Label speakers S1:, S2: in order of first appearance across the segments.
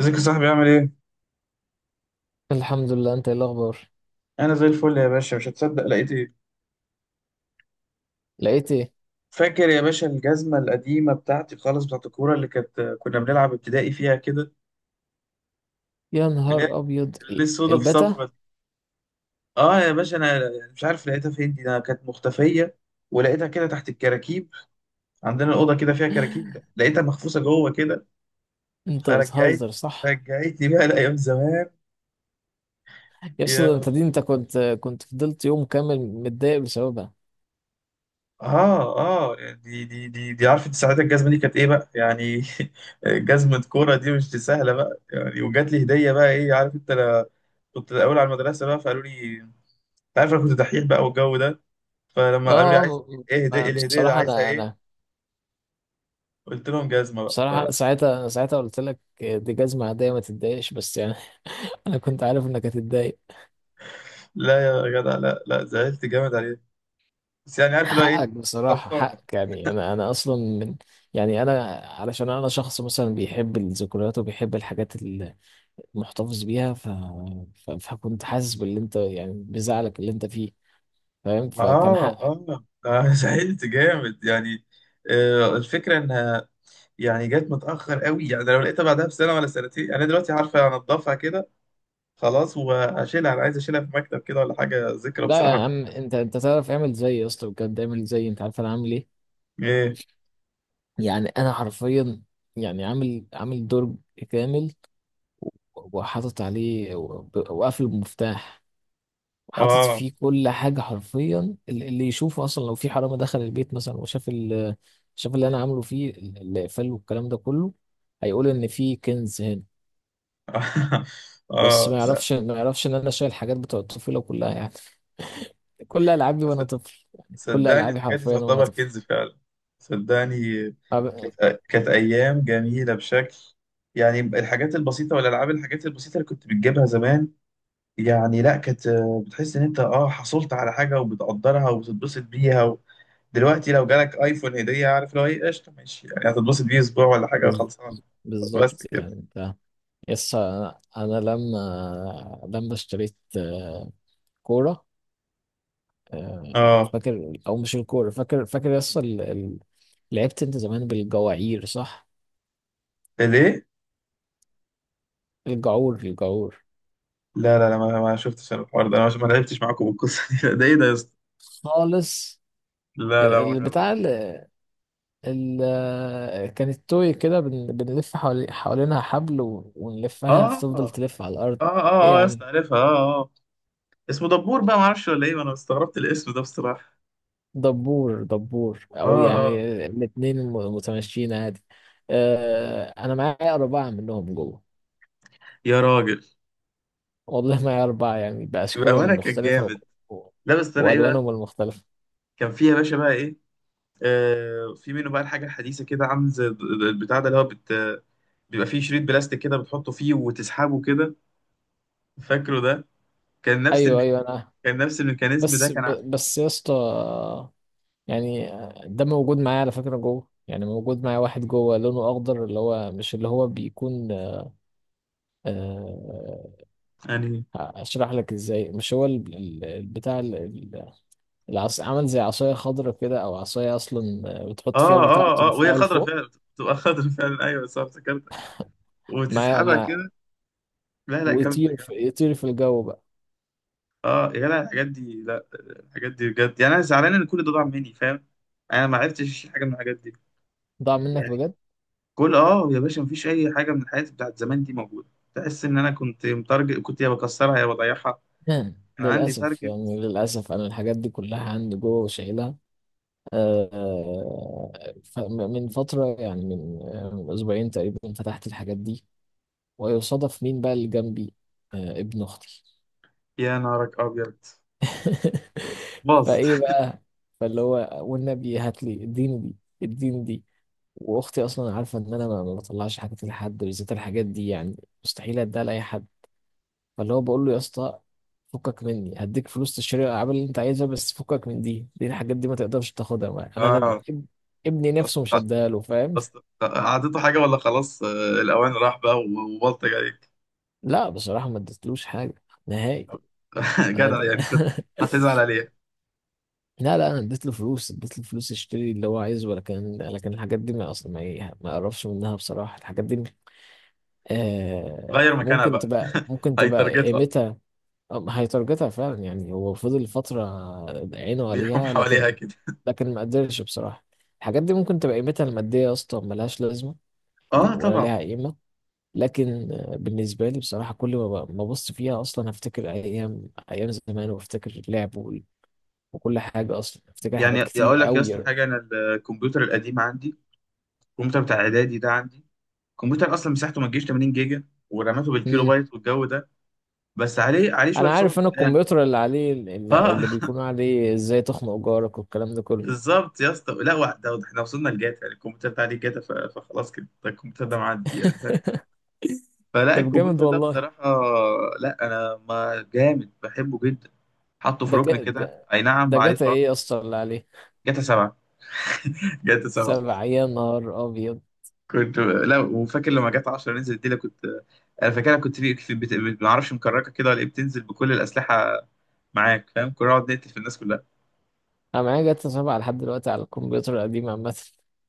S1: ازيك يا صاحبي؟ عامل ايه؟
S2: الحمد لله. انت ايه الاخبار؟
S1: انا زي الفل يا باشا. مش هتصدق لقيت ايه؟
S2: لقيت ايه؟
S1: فاكر يا باشا الجزمة القديمة بتاعتي خالص، بتاعت الكورة اللي كنا بنلعب ابتدائي فيها كده؟
S2: يا
S1: اللي هي
S2: نهار ابيض.
S1: اللي السودا في
S2: البتا.
S1: صفرة. اه يا باشا، انا مش عارف لقيتها فين دي، انا كانت مختفية، ولقيتها كده تحت الكراكيب. عندنا الأوضة كده فيها كراكيب، لقيتها مخفوصة جوه كده.
S2: انت
S1: فرجعت
S2: بتهزر، صح؟
S1: رجعتني بقى لأيام زمان.
S2: يا اسطى، ده انت دي انت كنت فضلت يوم كامل متضايق بسببها.
S1: اه اه، دي عارفه ساعتها الجزمه دي كانت ايه بقى يعني؟ جزمه كوره، دي مش دي سهله بقى يعني. وجات لي هديه بقى، ايه عارف انت؟ لا، كنت الاول على المدرسه بقى، فقالوا لي انت عارف انا كنت دحيح بقى والجو ده. فلما
S2: اه.
S1: قالوا لي عايز
S2: آه،
S1: ايه هديه، إيه الهديه ده
S2: بصراحه،
S1: عايزها
S2: انا
S1: ايه،
S2: انا
S1: قلت لهم جزمه
S2: بصراحه انا
S1: بقى.
S2: ساعتها انا ساعتها قلت لك دي جزمه عاديه، ما تتضايقش، بس يعني انا كنت عارف انك هتتضايق.
S1: فلا يا جدع، لا لا، زعلت جامد عليه. بس يعني عارف اللي هو ايه.
S2: حقك، بصراحة
S1: خلصانه.
S2: حقك يعني. أنا أصلا من... يعني أنا علشان أنا شخص مثلا بيحب الذكريات، وبيحب الحاجات اللي محتفظ بيها، فكنت حاسس باللي أنت يعني بزعلك اللي أنت فيه. فاهم؟ فكان
S1: اه
S2: حقك.
S1: اه آه، زعلت جامد يعني. الفكره ان يعني جت متأخر قوي يعني. ده لو لقيتها بعدها بسنة ولا سنتين يعني، أنا دلوقتي عارفة أنضفها كده خلاص وأشيلها. أنا عايز أشيلها في مكتب كده ولا حاجة، ذكرى
S2: لا يا
S1: بصراحة.
S2: عم، أنت تعرف، اعمل زيي يا اسطى، بجد اعمل زيي. أنت عارف أنا عامل إيه؟
S1: إيه،
S2: يعني أنا حرفيا، يعني عامل دور كامل، وحاطط عليه وقافل المفتاح، وحاطط
S1: آه.
S2: فيه كل حاجة حرفيا. اللي يشوفه أصلا، لو في حرامي دخل البيت مثلا، وشاف ال شاف اللي أنا عامله فيه، الإقفال والكلام ده كله، هيقول إن في كنز هنا. بس
S1: آه
S2: ما
S1: لا،
S2: يعرفش ما يعرفش إن أنا شايل حاجات بتوع الطفولة كلها يعني. كل ألعابي وأنا
S1: صد-
S2: طفل، يعني كل
S1: صدقني
S2: ألعابي
S1: الحاجات دي
S2: حرفيا وأنا
S1: تعتبر
S2: طفل.
S1: كنز فعلا، صدقني.
S2: أب-
S1: كانت أيام جميلة بشكل يعني. الحاجات البسيطة والألعاب، الحاجات البسيطة اللي كنت بتجيبها زمان، يعني لا، كانت بتحس إن أنت حصلت على حاجة وبتقدرها وبتتبسط بيها. دلوقتي لو جالك ايفون هديه، عارف لو ايه، قشطه ماشي يعني، هتتبسط بيه اسبوع ولا حاجه
S2: بز-
S1: خلصان.
S2: بالظبط.
S1: بس كده.
S2: يعني أنت... يس، أنا لما اشتريت كورة.
S1: اه
S2: فاكر؟ او مش الكوره؟ فاكر يس. لعبت انت زمان بالجواعير، صح؟
S1: ليه؟
S2: الجعور، الجعور.
S1: لا لا لا، ما شفتش انا الحوار ده، انا ما لعبتش معاكم بالقصه دي. ده ايه ده يا اسطى؟
S2: خالص.
S1: لا لا، ما
S2: البتاع
S1: جربت.
S2: كانت توي كده. بنلف حوالينها حبل، ونلفها،
S1: اه
S2: فتفضل
S1: اه
S2: تلف على الارض. ايه
S1: اه
S2: يا
S1: اه يا
S2: عم؟
S1: اسطى عارفها، اه اه آه. اسمه دبور بقى؟ ما اعرفش ولا ايه، انا استغربت الاسم ده بصراحه.
S2: دبور، دبور، او
S1: اه
S2: يعني
S1: اه
S2: الاتنين متمشيين عادي. انا معايا 4 منهم جوه.
S1: يا راجل،
S2: والله معايا اربعه، يعني باشكالهم
S1: بامانه كان
S2: المختلفه
S1: جامد.
S2: و-
S1: لا بس انا ايه بقى،
S2: والوانهم المختلفه.
S1: كان فيها يا باشا بقى ايه، في منه بقى الحاجة الحديثة كده، عامل زي البتاع ده اللي هو بت... بيبقى فيه شريط بلاستيك كده، بتحطه فيه وتسحبه كده. فاكره ده؟ كان نفس
S2: ايوه،
S1: الم...
S2: ايوه، انا...
S1: كان نفس الميكانيزم ده
S2: بس
S1: كان ع-
S2: بس يا اسطى، يعني، ده موجود معايا على فكره جوه. يعني موجود معايا واحد جوه لونه اخضر، اللي هو مش اللي هو بيكون... آه،
S1: يعني.
S2: اشرح لك ازاي. مش هو البتاع العص، عمل زي عصايه خضراء كده، او عصايه اصلا، بتحط فيها
S1: اه
S2: البتاع
S1: اه اه، وهي
S2: وترفعه
S1: خضرة
S2: لفوق.
S1: فعلا، بتبقى خضرة فعلا، ايوه صح افتكرتك،
S2: مع
S1: وتسحبها
S2: مع
S1: كده. لا لا، جامدة
S2: ويطير في
S1: جامدة.
S2: يطير في الجو بقى.
S1: اه يا جدع، الحاجات دي، لا الحاجات دي بجد يعني. انا زعلان ان كل ده ضاع مني فاهم، انا ما عرفتش أشيل حاجة من الحاجات دي
S2: ضاع منك
S1: يعني.
S2: بجد؟
S1: كل اه يا باشا، مفيش اي حاجه من الحاجات بتاعت زمان دي موجوده. تحس ان انا كنت متارجت، كنت يا بكسرها يا بضيعها. كان عندي
S2: للاسف
S1: تارجت.
S2: يعني، انا الحاجات دي كلها عندي جوه وشايلها. آه، من فترة، يعني من أسبوعين تقريبا فتحت الحاجات دي. ويصادف مين بقى اللي جنبي؟ ابن أختي.
S1: يا نارك ابيض، باظت.
S2: فإيه بقى؟ فاللي هو: والنبي هات لي، اديني دي، اديني دي. وأختي أصلا عارفة إن أنا ما بطلعش حاجات لحد، بالذات الحاجات دي يعني. مستحيل أديها لأي حد. فاللي هو بقول له: يا اسطى، فكك مني، هديك فلوس تشتري الألعاب اللي أنت عايزها، بس فكك من دي الحاجات دي، ما تقدرش تاخدها معايا. أنا
S1: اه،
S2: ابني
S1: بس
S2: نفسه مش
S1: خ-
S2: هديها له، فاهم؟
S1: بس عطيته حاجه ولا خلاص، الاوان راح بقى و- وبلطج عليك.
S2: لا بصراحة ما اديتلوش حاجة نهائي. أنا
S1: جدع
S2: د...
S1: يعني، كنت هتزعل عليها.
S2: لا لا، أنا اديت له فلوس، يشتري اللي هو عايزه. لكن الحاجات دي ما أصلا ما, ي- ما أقربش منها بصراحة، الحاجات دي.
S1: غير
S2: آه،
S1: مكانها
S2: ممكن
S1: بقى،
S2: تبقى
S1: هيتارجتها،
S2: قيمتها... هيترجتها فعلا، يعني هو فضل فترة عينه
S1: بيحوم
S2: عليها،
S1: حواليها كده.
S2: لكن ما قدرش بصراحة. الحاجات دي ممكن تبقى قيمتها المادية أصلا ملهاش لازمة، يعني
S1: اه
S2: ولا
S1: طبعا.
S2: لها قيمة. لكن بالنسبة لي بصراحة، كل ما ما أبص فيها أصلا، هفتكر أيام أيام زمان، وأفتكر اللعب وكل حاجة. أصلا أفتكر
S1: يعني
S2: حاجات
S1: اقول
S2: كتير
S1: لك يا اسطى
S2: أوي.
S1: حاجه، انا الكمبيوتر القديم عندي، الكمبيوتر بتاع اعدادي ده عندي. الكمبيوتر اصلا مساحته ما تجيش 80 جيجا، وراماته بالكيلو
S2: مم.
S1: بايت والجو ده، بس عليه شويه
S2: أنا
S1: صور
S2: عارف. أنا
S1: قدام.
S2: الكمبيوتر اللي عليه، اللي
S1: اه.
S2: اللي بيكون عليه إزاي تخنق جارك والكلام ده كله.
S1: بالظبط يا اسطى. لا ده احنا وصلنا لجاتا يعني، الكمبيوتر ده عليه جاتا، فخلاص كده، ده الكمبيوتر ده معدي يعني ف-. فلا
S2: طب جامد
S1: الكمبيوتر ده
S2: والله.
S1: بصراحه، لا انا ما جامد، بحبه جدا، حطه في
S2: ده ك...
S1: ركن كده،
S2: ده,
S1: اي نعم
S2: ده
S1: عليه
S2: جاتا
S1: تراب.
S2: إيه يا اسطى اللي عليه؟
S1: جاتا 7. جاتا 7.
S2: 7؟ يا نهار أبيض.
S1: كنت، لا وفاكر لما جت 10 نزلت دي، لا كنت انا فاكرها، كنت في بت... بت- ما اعرفش مكركه كده ولا ايه، بتنزل بكل الاسلحه معاك فاهم، كنا نقعد نقتل في الناس كلها.
S2: أنا معايا جاتا 7 لحد دلوقتي على الكمبيوتر القديم عامة.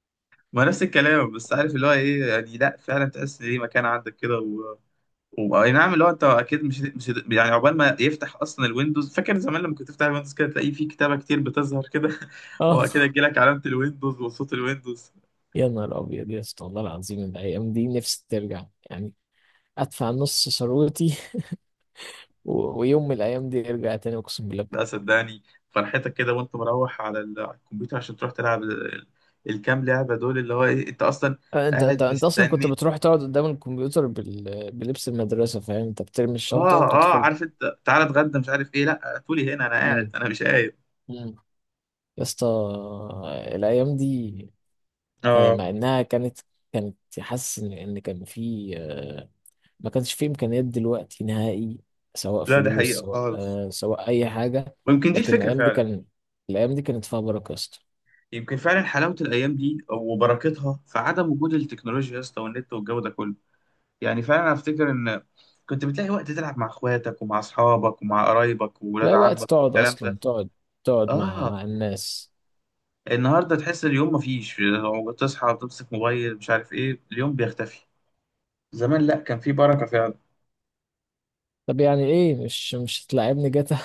S1: ما نفس الكلام، بس عارف اللي هو ايه يعني، لا فعلا تحس ان ليه مكان عندك كده و... و... اي نعم. اللي هو انت اكيد مش يعني، عقبال ما يفتح اصلا الويندوز، فاكر زمان لما كنت تفتح الويندوز كده تلاقيه في كتابه كتير بتظهر كده.
S2: آه،
S1: واكيد يجي لك علامه الويندوز وصوت الويندوز.
S2: يا نهار أبيض يا اسطى، والله العظيم، الأيام دي نفسي ترجع يعني. ادفع نص ثروتي ويوم من الايام دي يرجع تاني، اقسم بالله.
S1: لا صدقني، فرحتك كده وانت مروح على على الكمبيوتر عشان تروح تلعب الكام لعبة دول، اللي هو ايه، انت اصلا
S2: انت
S1: قاعد
S2: انت انت اصلا كنت
S1: مستني.
S2: بتروح تقعد قدام الكمبيوتر بلبس المدرسه، فاهم؟ انت بترمي الشنطه
S1: اه اه،
S2: وتدخل.
S1: عارف انت تعالى اتغدى مش عارف ايه، لا تقولي هنا انا قاعد
S2: امم
S1: انا مش قايم.
S2: امم يا اسطى، الايام دي
S1: اه
S2: مع انها كانت، كانت حاسس ان ان كان في ما كانش في امكانيات دلوقتي نهائي. سواء
S1: لا، ده
S2: فلوس،
S1: حقيقة
S2: سواء
S1: خالص.
S2: سواء اي حاجه.
S1: ويمكن دي
S2: لكن
S1: الفكرة
S2: الايام دي
S1: فعلا.
S2: كانت فيها بركه يا اسطى.
S1: يمكن فعلا حلاوة الأيام دي وبركتها في عدم وجود التكنولوجيا يا اسطى والنت والجو ده كله. يعني فعلا أنا أفتكر إن كنت بتلاقي وقت تلعب مع إخواتك ومع أصحابك ومع قرايبك وولاد
S2: لا، وقت
S1: عمك
S2: تقعد
S1: والكلام
S2: اصلا،
S1: ده.
S2: تقعد مع
S1: آه.
S2: مع الناس.
S1: النهارده تحس اليوم مفيش، لو بتصحى بتمسك موبايل مش عارف ايه، اليوم بيختفي. زمان لا، كان في بركه فعلا.
S2: طب يعني ايه، مش هتلاعبني جاتا؟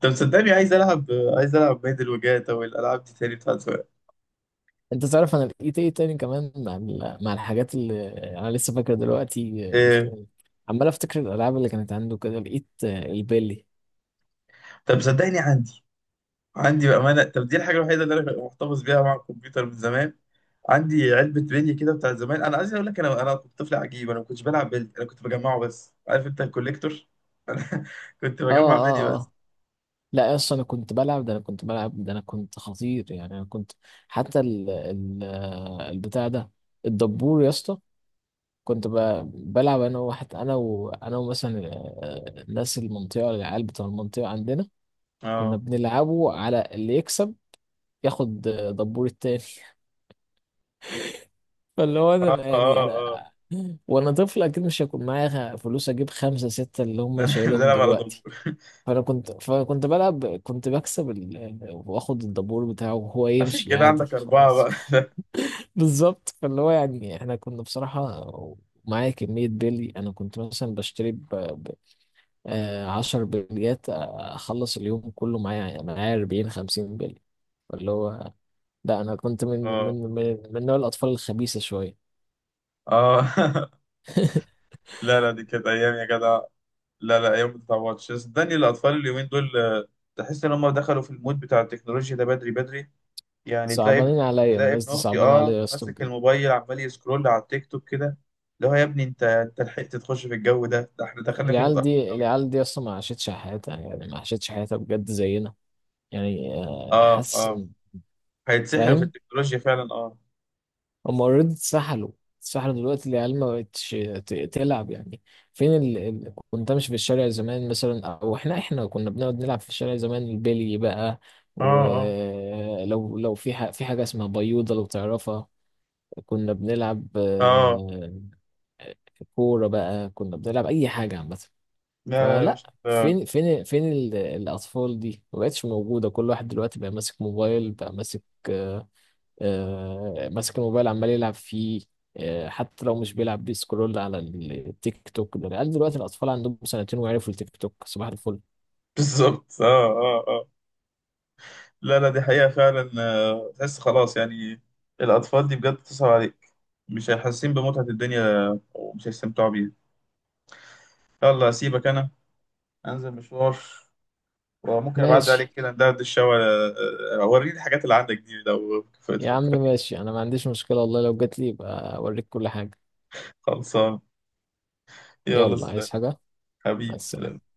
S1: طب صدقني عايز العب، عايز العب بيدل وجات او الالعاب دي تاني بتاعت زمان.
S2: انت تعرف انا لقيت ايه تاني كمان، مع مع الحاجات اللي انا لسه فاكر دلوقتي؟ آه،
S1: إيه.
S2: عمال افتكر الالعاب اللي كانت عنده كده. لقيت البيلي.
S1: طب صدقني عندي، عندي بامانه. طب دي الحاجه الوحيده اللي انا محتفظ بيها مع الكمبيوتر من زمان. عندي علبه بلي كده بتاعت زمان. انا عايز اقول لك، انا كنت طفل عجيب، انا ما كنتش بلعب بلي، انا كنت بجمعه بس، عارف انت الكوليكتور. انا كنت
S2: اه،
S1: بجمع بلي
S2: اه،
S1: بس.
S2: اه. لا اصلا انا كنت بلعب ده، انا كنت خطير يعني. انا كنت... حتى ال ال البتاع ده، الدبور يا اسطى. كنت بلعب انا وواحد، انا وانا ومثلا ناس المنطقه، العيال بتوع المنطقه عندنا. كنا
S1: اه
S2: بنلعبه على اللي يكسب، ياخد دبور التاني. فاللي هو،
S1: اه
S2: انا
S1: اه
S2: يعني،
S1: اه.
S2: وانا طفل، اكيد مش هيكون معايا فلوس اجيب خمسه سته اللي
S1: ده
S2: هم
S1: انا
S2: شايلهم
S1: بلعب على ضمور.
S2: دلوقتي. فانا كنت، فكنت بلعب كنت بكسب ال... واخد الدبور بتاعه وهو
S1: عشان
S2: يمشي
S1: كده
S2: عادي،
S1: عندك أربعة
S2: خلاص.
S1: بقى.
S2: بالظبط. فاللي هو يعني احنا كنا بصراحه معايا كمية بلي. أنا كنت مثلا بشتري 10 بليات، أخلص اليوم كله معايا 40 50 بلي. اللي هو، لا أنا كنت
S1: اه
S2: من نوع الأطفال الخبيثة شوية.
S1: اه. لا لا، دي كانت أيام يا جدع. لا لا، أيام ما تتعوضش صدقني. الأطفال اليومين دول تحس إن هم دخلوا في المود بتاع التكنولوجيا ده بدري بدري. يعني تلاقي
S2: صعبانين عليا
S1: تلاقي ابن
S2: الناس دي،
S1: أختي
S2: صعبانة عليا
S1: اه
S2: يا اسطى
S1: ماسك
S2: بجد.
S1: الموبايل عمال يسكرول على التيك توك كده. اللي هو يا ابني أنت لحقت تخش في الجو ده إحنا دخلنا فيه متأخر. أوي.
S2: العيال دي اصلا ما عاشتش حياتها، يعني ما عاشتش حياتها بجد زينا. يعني
S1: اه
S2: حاسس
S1: اه، هيتسحلوا في
S2: فاهم؟
S1: التكنولوجيا فعلا اه
S2: هم اوريدي اتسحلوا، اتسحلوا دلوقتي. العيال ما بقتش تلعب يعني. فين كنت امشي في الشارع زمان مثلا، او احنا كنا بنقعد نلعب في الشارع زمان البلي بقى.
S1: اه اه
S2: ولو في حاجة اسمها بيوضة لو تعرفها. كنا بنلعب
S1: اه.
S2: كورة بقى. كنا بنلعب أي حاجة عامة.
S1: لا لا يا
S2: فلا،
S1: باشا،
S2: فين الاطفال دي؟ ما بقتش موجوده. كل واحد دلوقتي بقى ماسك موبايل، بقى ماسك آه، آه، ماسك الموبايل عمال يلعب فيه. حتى لو مش بيلعب، بيسكرول على التيك توك ده. العيال دلوقتي، الاطفال عندهم سنتين ويعرفوا التيك توك صباح الفل.
S1: بالظبط، اه اه آه. لا لا، دي حقيقة فعلا. تحس خلاص يعني، الأطفال دي بجد تصعب عليك، مش حاسين بمتعة الدنيا، ومش هيستمتعوا بيها. يلا أسيبك أنا، أنزل مشوار، وممكن أبعد
S2: ماشي.
S1: عليك كده ندردش الشوا. أوريني الحاجات اللي عندك دي لو
S2: يا عم
S1: فكرت.
S2: ماشي، انا ما عنديش مشكله والله، لو جات لي يبقى اوريك كل حاجه.
S1: خلصان. يلا
S2: يلا،
S1: سلام.
S2: عايز حاجه؟ مع
S1: حبيبي سلام.
S2: السلامه.